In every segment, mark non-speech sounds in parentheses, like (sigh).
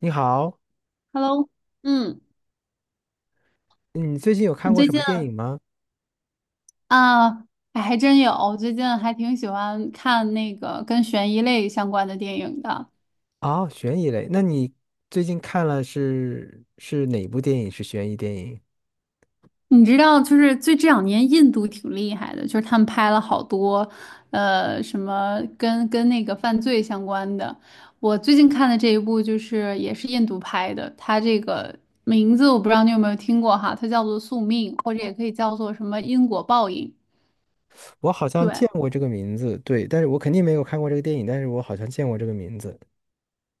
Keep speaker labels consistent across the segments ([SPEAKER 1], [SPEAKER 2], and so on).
[SPEAKER 1] 你好，
[SPEAKER 2] Hello，嗯，
[SPEAKER 1] 你最近有
[SPEAKER 2] 我
[SPEAKER 1] 看过
[SPEAKER 2] 最
[SPEAKER 1] 什么
[SPEAKER 2] 近
[SPEAKER 1] 电影吗？
[SPEAKER 2] 啊，哎还真有，我最近还挺喜欢看那个跟悬疑类相关的电影的。
[SPEAKER 1] 哦，悬疑类，那你最近看了是哪部电影？是悬疑电影？
[SPEAKER 2] 你知道，就是最这两年印度挺厉害的，就是他们拍了好多，什么跟那个犯罪相关的。我最近看的这一部就是也是印度拍的，它这个名字我不知道你有没有听过哈，它叫做《宿命》，或者也可以叫做什么因果报应。
[SPEAKER 1] 我好像
[SPEAKER 2] 对，
[SPEAKER 1] 见过这个名字，对，但是我肯定没有看过这个电影，但是我好像见过这个名字。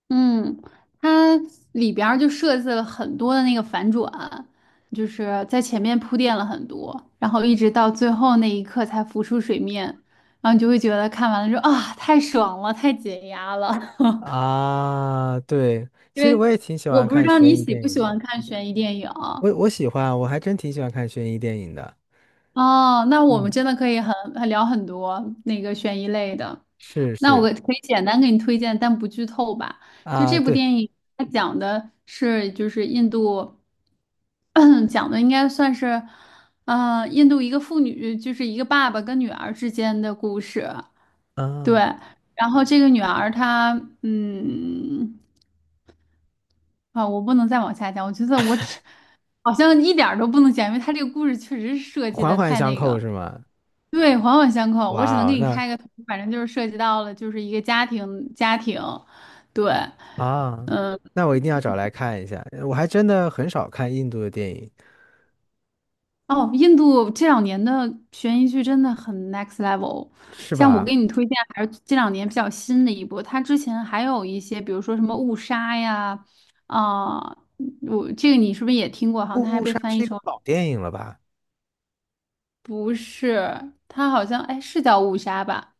[SPEAKER 2] 嗯，它里边儿就设计了很多的那个反转，就是在前面铺垫了很多，然后一直到最后那一刻才浮出水面，然后你就会觉得看完了之后啊，太爽了，太解压了。(laughs)
[SPEAKER 1] 啊，对，
[SPEAKER 2] 因
[SPEAKER 1] 其实我
[SPEAKER 2] 为
[SPEAKER 1] 也挺喜
[SPEAKER 2] 我
[SPEAKER 1] 欢
[SPEAKER 2] 不知
[SPEAKER 1] 看
[SPEAKER 2] 道
[SPEAKER 1] 悬
[SPEAKER 2] 你
[SPEAKER 1] 疑
[SPEAKER 2] 喜
[SPEAKER 1] 电
[SPEAKER 2] 不喜
[SPEAKER 1] 影
[SPEAKER 2] 欢
[SPEAKER 1] 的，
[SPEAKER 2] 看悬疑电影，
[SPEAKER 1] 我喜欢，我还真挺喜欢看悬疑电影的。
[SPEAKER 2] 哦，那我们
[SPEAKER 1] 嗯，
[SPEAKER 2] 真的可以很聊很多那个悬疑类的。
[SPEAKER 1] 是
[SPEAKER 2] 那我
[SPEAKER 1] 是。
[SPEAKER 2] 可以简单给你推荐，但不剧透吧。就
[SPEAKER 1] 啊，
[SPEAKER 2] 这部
[SPEAKER 1] 对。
[SPEAKER 2] 电影，它讲的是就是印度，(clears throat) 讲的应该算是，印度一个妇女，就是一个爸爸跟女儿之间的故事。对，
[SPEAKER 1] 啊，
[SPEAKER 2] 然后这个女儿她，嗯，啊，我不能再往下讲，我觉得我只好像一点儿都不能讲，因为她这个故事确实是设计
[SPEAKER 1] 环
[SPEAKER 2] 的
[SPEAKER 1] 环
[SPEAKER 2] 太
[SPEAKER 1] 相
[SPEAKER 2] 那
[SPEAKER 1] 扣
[SPEAKER 2] 个。
[SPEAKER 1] 是吗？
[SPEAKER 2] 对，环环相扣。我只能
[SPEAKER 1] 哇哦，
[SPEAKER 2] 给你
[SPEAKER 1] 那。
[SPEAKER 2] 开个头，反正就是涉及到了，就是一个家庭，家庭。对，
[SPEAKER 1] 啊，那我一定要找来看一下。我还真的很少看印度的电影。
[SPEAKER 2] 哦，印度这两年的悬疑剧真的很 next level。
[SPEAKER 1] 是
[SPEAKER 2] 像我给
[SPEAKER 1] 吧？
[SPEAKER 2] 你推荐，还是这两年比较新的一部。它之前还有一些，比如说什么误杀呀，啊、我这个你是不是也听过？好像它
[SPEAKER 1] 《误
[SPEAKER 2] 还
[SPEAKER 1] 误
[SPEAKER 2] 被
[SPEAKER 1] 杀》
[SPEAKER 2] 翻译
[SPEAKER 1] 是一个
[SPEAKER 2] 成
[SPEAKER 1] 老电影了吧？
[SPEAKER 2] 不是，它好像哎是叫误杀吧，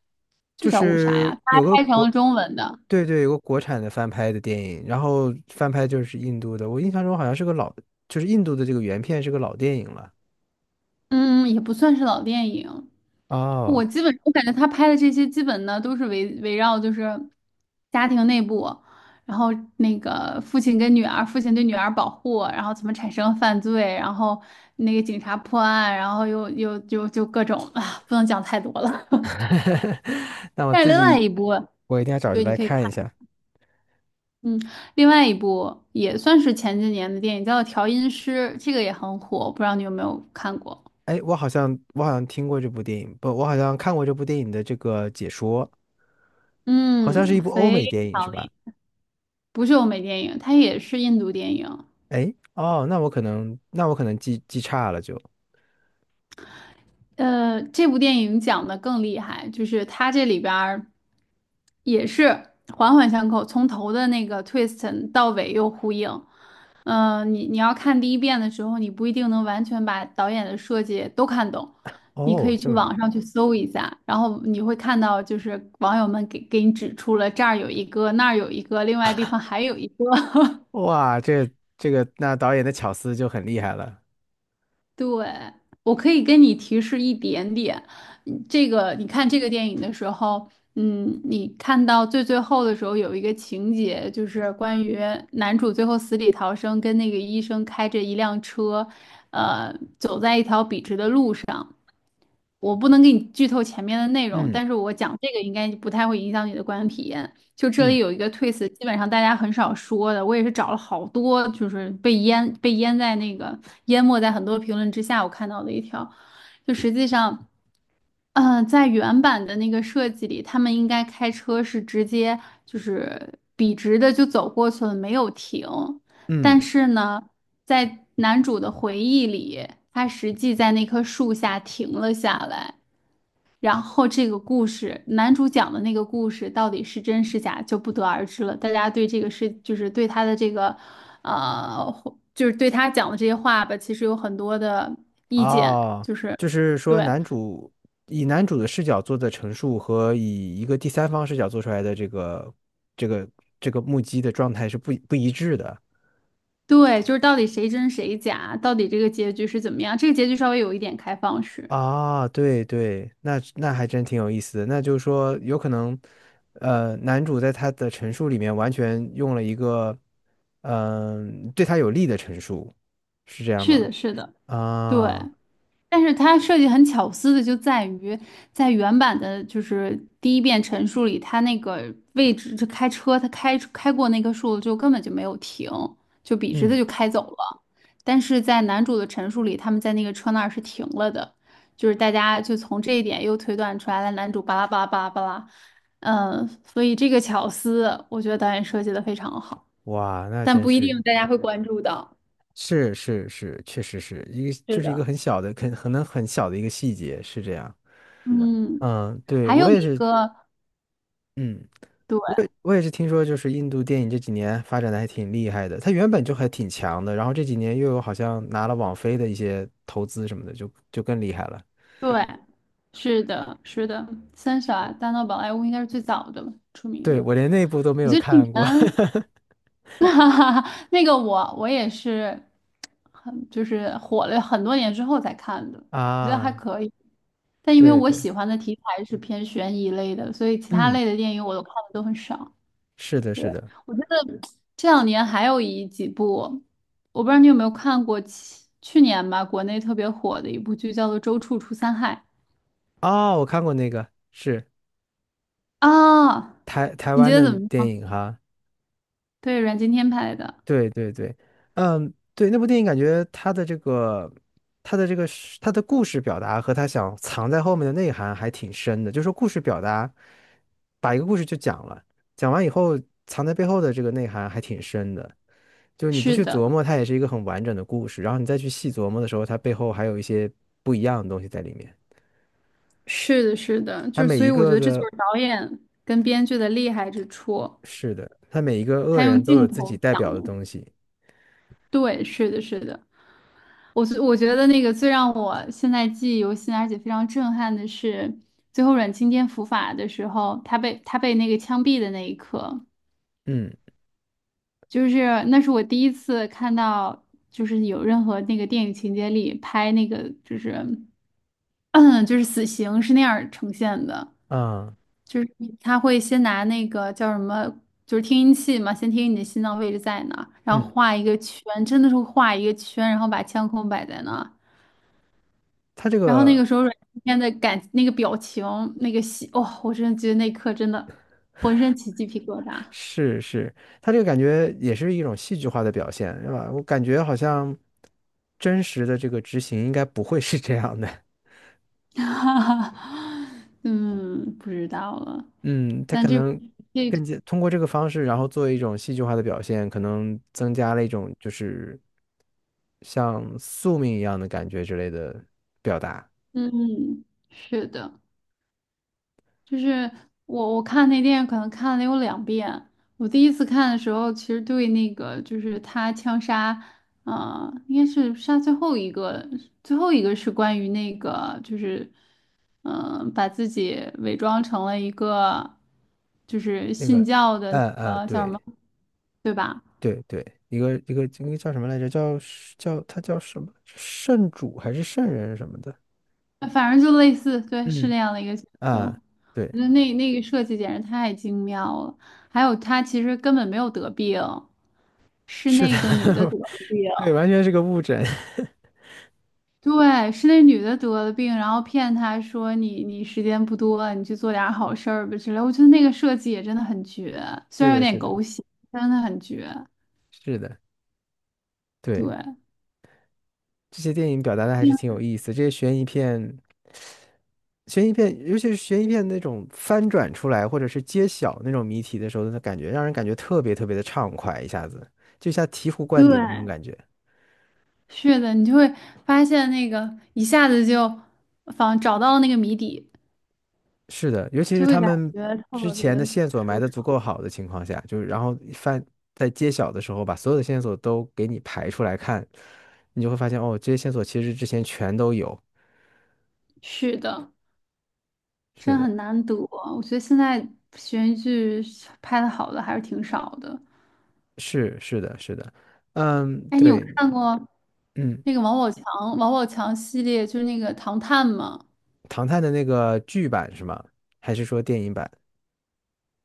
[SPEAKER 2] 就
[SPEAKER 1] 就
[SPEAKER 2] 叫误杀
[SPEAKER 1] 是
[SPEAKER 2] 呀，它还
[SPEAKER 1] 有个
[SPEAKER 2] 拍成
[SPEAKER 1] 国，
[SPEAKER 2] 了中文的。
[SPEAKER 1] 对对，有个国产的翻拍的电影，然后翻拍就是印度的。我印象中好像是个老，就是印度的这个原片是个老电影了。
[SPEAKER 2] 嗯，也不算是老电影。我
[SPEAKER 1] 哦。
[SPEAKER 2] 基本我感觉他拍的这些基本呢都是围绕就是家庭内部，然后那个父亲跟女儿，父亲对女儿保护，然后怎么产生犯罪，然后那个警察破案，然后又就各种啊，不能讲太多了。(laughs)
[SPEAKER 1] (laughs) 那我
[SPEAKER 2] 但是
[SPEAKER 1] 自
[SPEAKER 2] 另外
[SPEAKER 1] 己
[SPEAKER 2] 一部，
[SPEAKER 1] 我一定要找着
[SPEAKER 2] 对，你
[SPEAKER 1] 来
[SPEAKER 2] 可以看，
[SPEAKER 1] 看一下。
[SPEAKER 2] 嗯，另外一部也算是前几年的电影，叫《调音师》，这个也很火，不知道你有没有看过？
[SPEAKER 1] 哎，我好像听过这部电影，不，我好像看过这部电影的这个解说，好像是
[SPEAKER 2] 嗯，
[SPEAKER 1] 一部欧
[SPEAKER 2] 非
[SPEAKER 1] 美电影是
[SPEAKER 2] 常
[SPEAKER 1] 吧？
[SPEAKER 2] 厉害，不是欧美电影，它也是印度电影。
[SPEAKER 1] 哎，哦，那我可能记差了就。
[SPEAKER 2] 这部电影讲的更厉害，就是它这里边儿也是环环相扣，从头的那个 twist 到尾又呼应。你你要看第一遍的时候，你不一定能完全把导演的设计都看懂，你可
[SPEAKER 1] 哦，
[SPEAKER 2] 以
[SPEAKER 1] 这
[SPEAKER 2] 去
[SPEAKER 1] 么厉
[SPEAKER 2] 网
[SPEAKER 1] 害。
[SPEAKER 2] 上去搜一下，然后你会看到就是网友们给你指出了这儿有一个，那儿有一个，另外地方还有一个。(laughs)
[SPEAKER 1] 哇，这这个那导演的巧思就很厉害了。
[SPEAKER 2] 对，我可以跟你提示一点点。嗯这个你看这个电影的时候，嗯，你看到最后的时候有一个情节，就是关于男主最后死里逃生，跟那个医生开着一辆车，走在一条笔直的路上。我不能给你剧透前面的内容，
[SPEAKER 1] 嗯
[SPEAKER 2] 但是我讲这个应该不太会影响你的观影体验。就这里
[SPEAKER 1] 嗯
[SPEAKER 2] 有一个 twist，基本上大家很少说的，我也是找了好多，就是被淹在那个淹没在很多评论之下，我看到的一条，就实际上，嗯，在原版的那个设计里，他们应该开车是直接就是笔直的就走过去了，没有停。但
[SPEAKER 1] 嗯。
[SPEAKER 2] 是呢，在男主的回忆里，他实际在那棵树下停了下来。然后这个故事，男主讲的那个故事到底是真是假就不得而知了。大家对这个事，就是对他的这个，呃，就是对他讲的这些话吧，其实有很多的意见，
[SPEAKER 1] 哦，
[SPEAKER 2] 就是
[SPEAKER 1] 就是
[SPEAKER 2] 对
[SPEAKER 1] 说男主以男主的视角做的陈述和以一个第三方视角做出来的这个这个目击的状态是不一致的。
[SPEAKER 2] 对，就是到底谁真谁假，到底这个结局是怎么样？这个结局稍微有一点开放式。
[SPEAKER 1] 啊，对对，那那还真挺有意思的。那就是说，有可能，男主在他的陈述里面完全用了一个，嗯、对他有利的陈述，是这样
[SPEAKER 2] 是
[SPEAKER 1] 吗？
[SPEAKER 2] 的，是的，对。
[SPEAKER 1] 啊，
[SPEAKER 2] 但是它设计很巧思的就在于，在原版的就是第一遍陈述里，他那个位置就开车，他开过那棵树就根本就没有停，就笔直的
[SPEAKER 1] 嗯，
[SPEAKER 2] 就开走了。但是在男主的陈述里，他们在那个车那儿是停了的，就是大家就从这一点又推断出来了，男主巴拉巴拉巴拉巴拉，嗯，所以这个巧思，我觉得导演设计的非常好，
[SPEAKER 1] 哇，那
[SPEAKER 2] 但
[SPEAKER 1] 真
[SPEAKER 2] 不一
[SPEAKER 1] 是，
[SPEAKER 2] 定大家会关注到。
[SPEAKER 1] 是是是，确实是一个，
[SPEAKER 2] 是
[SPEAKER 1] 就是一个
[SPEAKER 2] 的，
[SPEAKER 1] 很小的，可能很小的一个细节，是这样。
[SPEAKER 2] 嗯，
[SPEAKER 1] 嗯，对，
[SPEAKER 2] 还
[SPEAKER 1] 我
[SPEAKER 2] 有
[SPEAKER 1] 也
[SPEAKER 2] 一
[SPEAKER 1] 是。
[SPEAKER 2] 个。
[SPEAKER 1] 嗯。
[SPEAKER 2] 对。
[SPEAKER 1] 我也是听说，就是印度电影这几年发展的还挺厉害的，它原本就还挺强的，然后这几年又有好像拿了网飞的一些投资什么的，就更厉害了。
[SPEAKER 2] 对，是的，是的，三傻大闹宝莱坞应该是最早的吧，出名
[SPEAKER 1] 对，
[SPEAKER 2] 的。
[SPEAKER 1] 我连那部都没
[SPEAKER 2] 我
[SPEAKER 1] 有
[SPEAKER 2] 觉得去
[SPEAKER 1] 看
[SPEAKER 2] 年，
[SPEAKER 1] 过。
[SPEAKER 2] (laughs) 哈哈，那个我也是很就是火了很多年之后才看的，
[SPEAKER 1] (laughs)
[SPEAKER 2] 我觉得还
[SPEAKER 1] 啊，
[SPEAKER 2] 可以。但因为
[SPEAKER 1] 对
[SPEAKER 2] 我
[SPEAKER 1] 对，
[SPEAKER 2] 喜欢的题材是偏悬疑类的，所以其他
[SPEAKER 1] 嗯，
[SPEAKER 2] 类的电影我都看的都很少。
[SPEAKER 1] 是的，
[SPEAKER 2] 对，
[SPEAKER 1] 是的。
[SPEAKER 2] 我觉得这两年还有一几部，我不知道你有没有看过去，去年吧，国内特别火的一部剧叫做《周处除三害》。
[SPEAKER 1] 哦，我看过那个，是
[SPEAKER 2] 啊，
[SPEAKER 1] 台台
[SPEAKER 2] 你觉
[SPEAKER 1] 湾的
[SPEAKER 2] 得怎么
[SPEAKER 1] 电
[SPEAKER 2] 样？
[SPEAKER 1] 影哈。
[SPEAKER 2] 对，阮经天拍的，
[SPEAKER 1] 对对对，嗯，对，那部电影感觉他的这个，他的这个是，它的故事表达和他想藏在后面的内涵还挺深的。就是说，故事表达，把一个故事就讲了，讲完以后藏在背后的这个内涵还挺深的。就是你不
[SPEAKER 2] 是
[SPEAKER 1] 去
[SPEAKER 2] 的，
[SPEAKER 1] 琢磨，它也是一个很完整的故事。然后你再去细琢磨的时候，它背后还有一些不一样的东西在里面。
[SPEAKER 2] 是的，是的，
[SPEAKER 1] 它
[SPEAKER 2] 就是
[SPEAKER 1] 每
[SPEAKER 2] 所
[SPEAKER 1] 一
[SPEAKER 2] 以我觉
[SPEAKER 1] 个
[SPEAKER 2] 得这就
[SPEAKER 1] 的，
[SPEAKER 2] 是导演跟编剧的厉害之处，
[SPEAKER 1] 是的，它每一个恶
[SPEAKER 2] 他用
[SPEAKER 1] 人都有
[SPEAKER 2] 镜
[SPEAKER 1] 自己
[SPEAKER 2] 头
[SPEAKER 1] 代
[SPEAKER 2] 讲
[SPEAKER 1] 表的
[SPEAKER 2] 了。
[SPEAKER 1] 东西。
[SPEAKER 2] 对，是的，是的，我觉得那个最让我现在记忆犹新，而且非常震撼的是，最后阮经天伏法的时候，他被那个枪毙的那一刻，
[SPEAKER 1] 嗯
[SPEAKER 2] 就是那是我第一次看到，就是有任何那个电影情节里拍那个就是。嗯，就是死刑是那样儿呈现的，
[SPEAKER 1] 啊，
[SPEAKER 2] 就是他会先拿那个叫什么，就是听音器嘛，先听你的心脏位置在哪儿然后
[SPEAKER 1] 嗯，
[SPEAKER 2] 画一个圈，真的是画一个圈，然后把枪口摆在那儿
[SPEAKER 1] 它这
[SPEAKER 2] 然后那个
[SPEAKER 1] 个。
[SPEAKER 2] 时候阮经天那个表情，那个戏，哦，我真的觉得那一刻真的浑身起鸡皮疙瘩。
[SPEAKER 1] 是是，他这个感觉也是一种戏剧化的表现，是吧？我感觉好像真实的这个执行应该不会是这样的。
[SPEAKER 2] (laughs) 哈哈，嗯，不知道了，
[SPEAKER 1] 嗯，他
[SPEAKER 2] 但
[SPEAKER 1] 可
[SPEAKER 2] 这部
[SPEAKER 1] 能
[SPEAKER 2] 这
[SPEAKER 1] 更加通过这个方式，然后做一种戏剧化的表现，可能增加了一种就是像宿命一样的感觉之类的表达。
[SPEAKER 2] 嗯，是的。就是我看那电影可能看了有两遍。我第一次看的时候，其实对那个就是他枪杀，应该是杀最后一个，最后一个是关于那个就是嗯、把自己伪装成了一个就是
[SPEAKER 1] 那
[SPEAKER 2] 信
[SPEAKER 1] 个，
[SPEAKER 2] 教的那个叫什么，
[SPEAKER 1] 对
[SPEAKER 2] 对吧？
[SPEAKER 1] 对对，一个一个一个叫什么来着？叫叫他叫什么？圣主还是圣人什么的？
[SPEAKER 2] 反正就类似，对，是
[SPEAKER 1] 嗯
[SPEAKER 2] 那样的一个角色。
[SPEAKER 1] 啊，
[SPEAKER 2] 我
[SPEAKER 1] 对。
[SPEAKER 2] 觉得那个设计简直太精妙了，还有她其实根本没有得病，
[SPEAKER 1] (laughs)
[SPEAKER 2] 是
[SPEAKER 1] 是的，
[SPEAKER 2] 那个女的得
[SPEAKER 1] (laughs)
[SPEAKER 2] 了病，
[SPEAKER 1] 对，完全是个误诊。
[SPEAKER 2] 对，是那女的得了病，然后骗她说你你时间不多了，你去做点儿好事儿吧之类。我觉得那个设计也真的很绝，
[SPEAKER 1] (laughs)
[SPEAKER 2] 虽
[SPEAKER 1] 是
[SPEAKER 2] 然有
[SPEAKER 1] 的，
[SPEAKER 2] 点
[SPEAKER 1] 是的，
[SPEAKER 2] 狗血，真的很绝。
[SPEAKER 1] 是的，
[SPEAKER 2] 对，
[SPEAKER 1] 对，这些电影表达的还
[SPEAKER 2] 嗯
[SPEAKER 1] 是挺有意思。这些悬疑片，悬疑片，尤其是悬疑片那种翻转出来，或者是揭晓那种谜题的时候，那感觉让人感觉特别特别的畅快，一下子就像醍醐
[SPEAKER 2] 对，
[SPEAKER 1] 灌顶的那种感觉。
[SPEAKER 2] 是的，你就会发现那个一下子就仿找到了那个谜底，
[SPEAKER 1] 是的，尤其是
[SPEAKER 2] 就会
[SPEAKER 1] 他
[SPEAKER 2] 感
[SPEAKER 1] 们
[SPEAKER 2] 觉
[SPEAKER 1] 之
[SPEAKER 2] 特别
[SPEAKER 1] 前的
[SPEAKER 2] 的
[SPEAKER 1] 线索埋
[SPEAKER 2] 舒
[SPEAKER 1] 得足
[SPEAKER 2] 畅。
[SPEAKER 1] 够好的情况下，就是然后翻在揭晓的时候，把所有的线索都给你排出来看，你就会发现哦，这些线索其实之前全都有。
[SPEAKER 2] 是的。
[SPEAKER 1] 是
[SPEAKER 2] 真
[SPEAKER 1] 的。
[SPEAKER 2] 很难得。我觉得现在悬疑剧拍的好的还是挺少的。
[SPEAKER 1] 是是的，是的，嗯，
[SPEAKER 2] 哎，你有
[SPEAKER 1] 对。
[SPEAKER 2] 看过
[SPEAKER 1] 嗯，
[SPEAKER 2] 那个王宝强系列，就是那个《唐探》吗？
[SPEAKER 1] 唐探的那个剧版是吗？还是说电影版？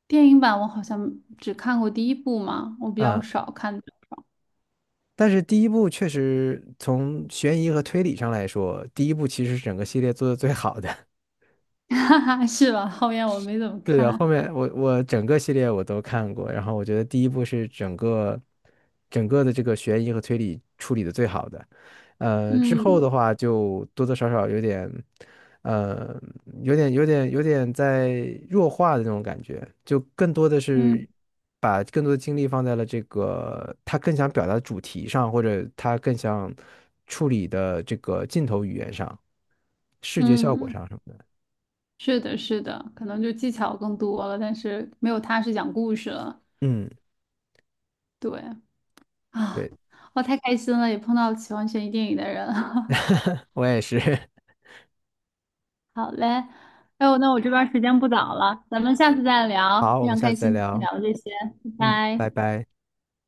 [SPEAKER 2] 电影版我好像只看过第一部嘛，我比较
[SPEAKER 1] 嗯，
[SPEAKER 2] 少看的
[SPEAKER 1] 但是第一部确实从悬疑和推理上来说，第一部其实是整个系列做的最好的。
[SPEAKER 2] (laughs) 哈哈，(laughs) 是吧？后面我没怎么
[SPEAKER 1] 是的，后
[SPEAKER 2] 看。
[SPEAKER 1] 面我整个系列我都看过，然后我觉得第一部是整个的这个悬疑和推理处理的最好的，呃，之后的
[SPEAKER 2] 嗯
[SPEAKER 1] 话就多多少少有点，呃，有点在弱化的那种感觉，就更多的
[SPEAKER 2] 嗯
[SPEAKER 1] 是把更多的精力放在了这个他更想表达的主题上，或者他更想处理的这个镜头语言上、视觉效果
[SPEAKER 2] 嗯，
[SPEAKER 1] 上什么的。
[SPEAKER 2] 是的，是的，可能就技巧更多了，但是没有他是讲故事了。
[SPEAKER 1] 嗯，
[SPEAKER 2] 对啊，啊
[SPEAKER 1] 对，
[SPEAKER 2] 我太开心了，也碰到喜欢悬疑电影的人。(laughs)
[SPEAKER 1] 我也是。(laughs)
[SPEAKER 2] 好嘞，哎呦，那我这边儿时间不早了，咱们下次再聊，
[SPEAKER 1] 好，我
[SPEAKER 2] 非
[SPEAKER 1] 们
[SPEAKER 2] 常
[SPEAKER 1] 下
[SPEAKER 2] 开
[SPEAKER 1] 次再
[SPEAKER 2] 心今天
[SPEAKER 1] 聊。
[SPEAKER 2] 聊的这些，
[SPEAKER 1] 嗯，
[SPEAKER 2] 拜
[SPEAKER 1] 拜
[SPEAKER 2] 拜。
[SPEAKER 1] 拜。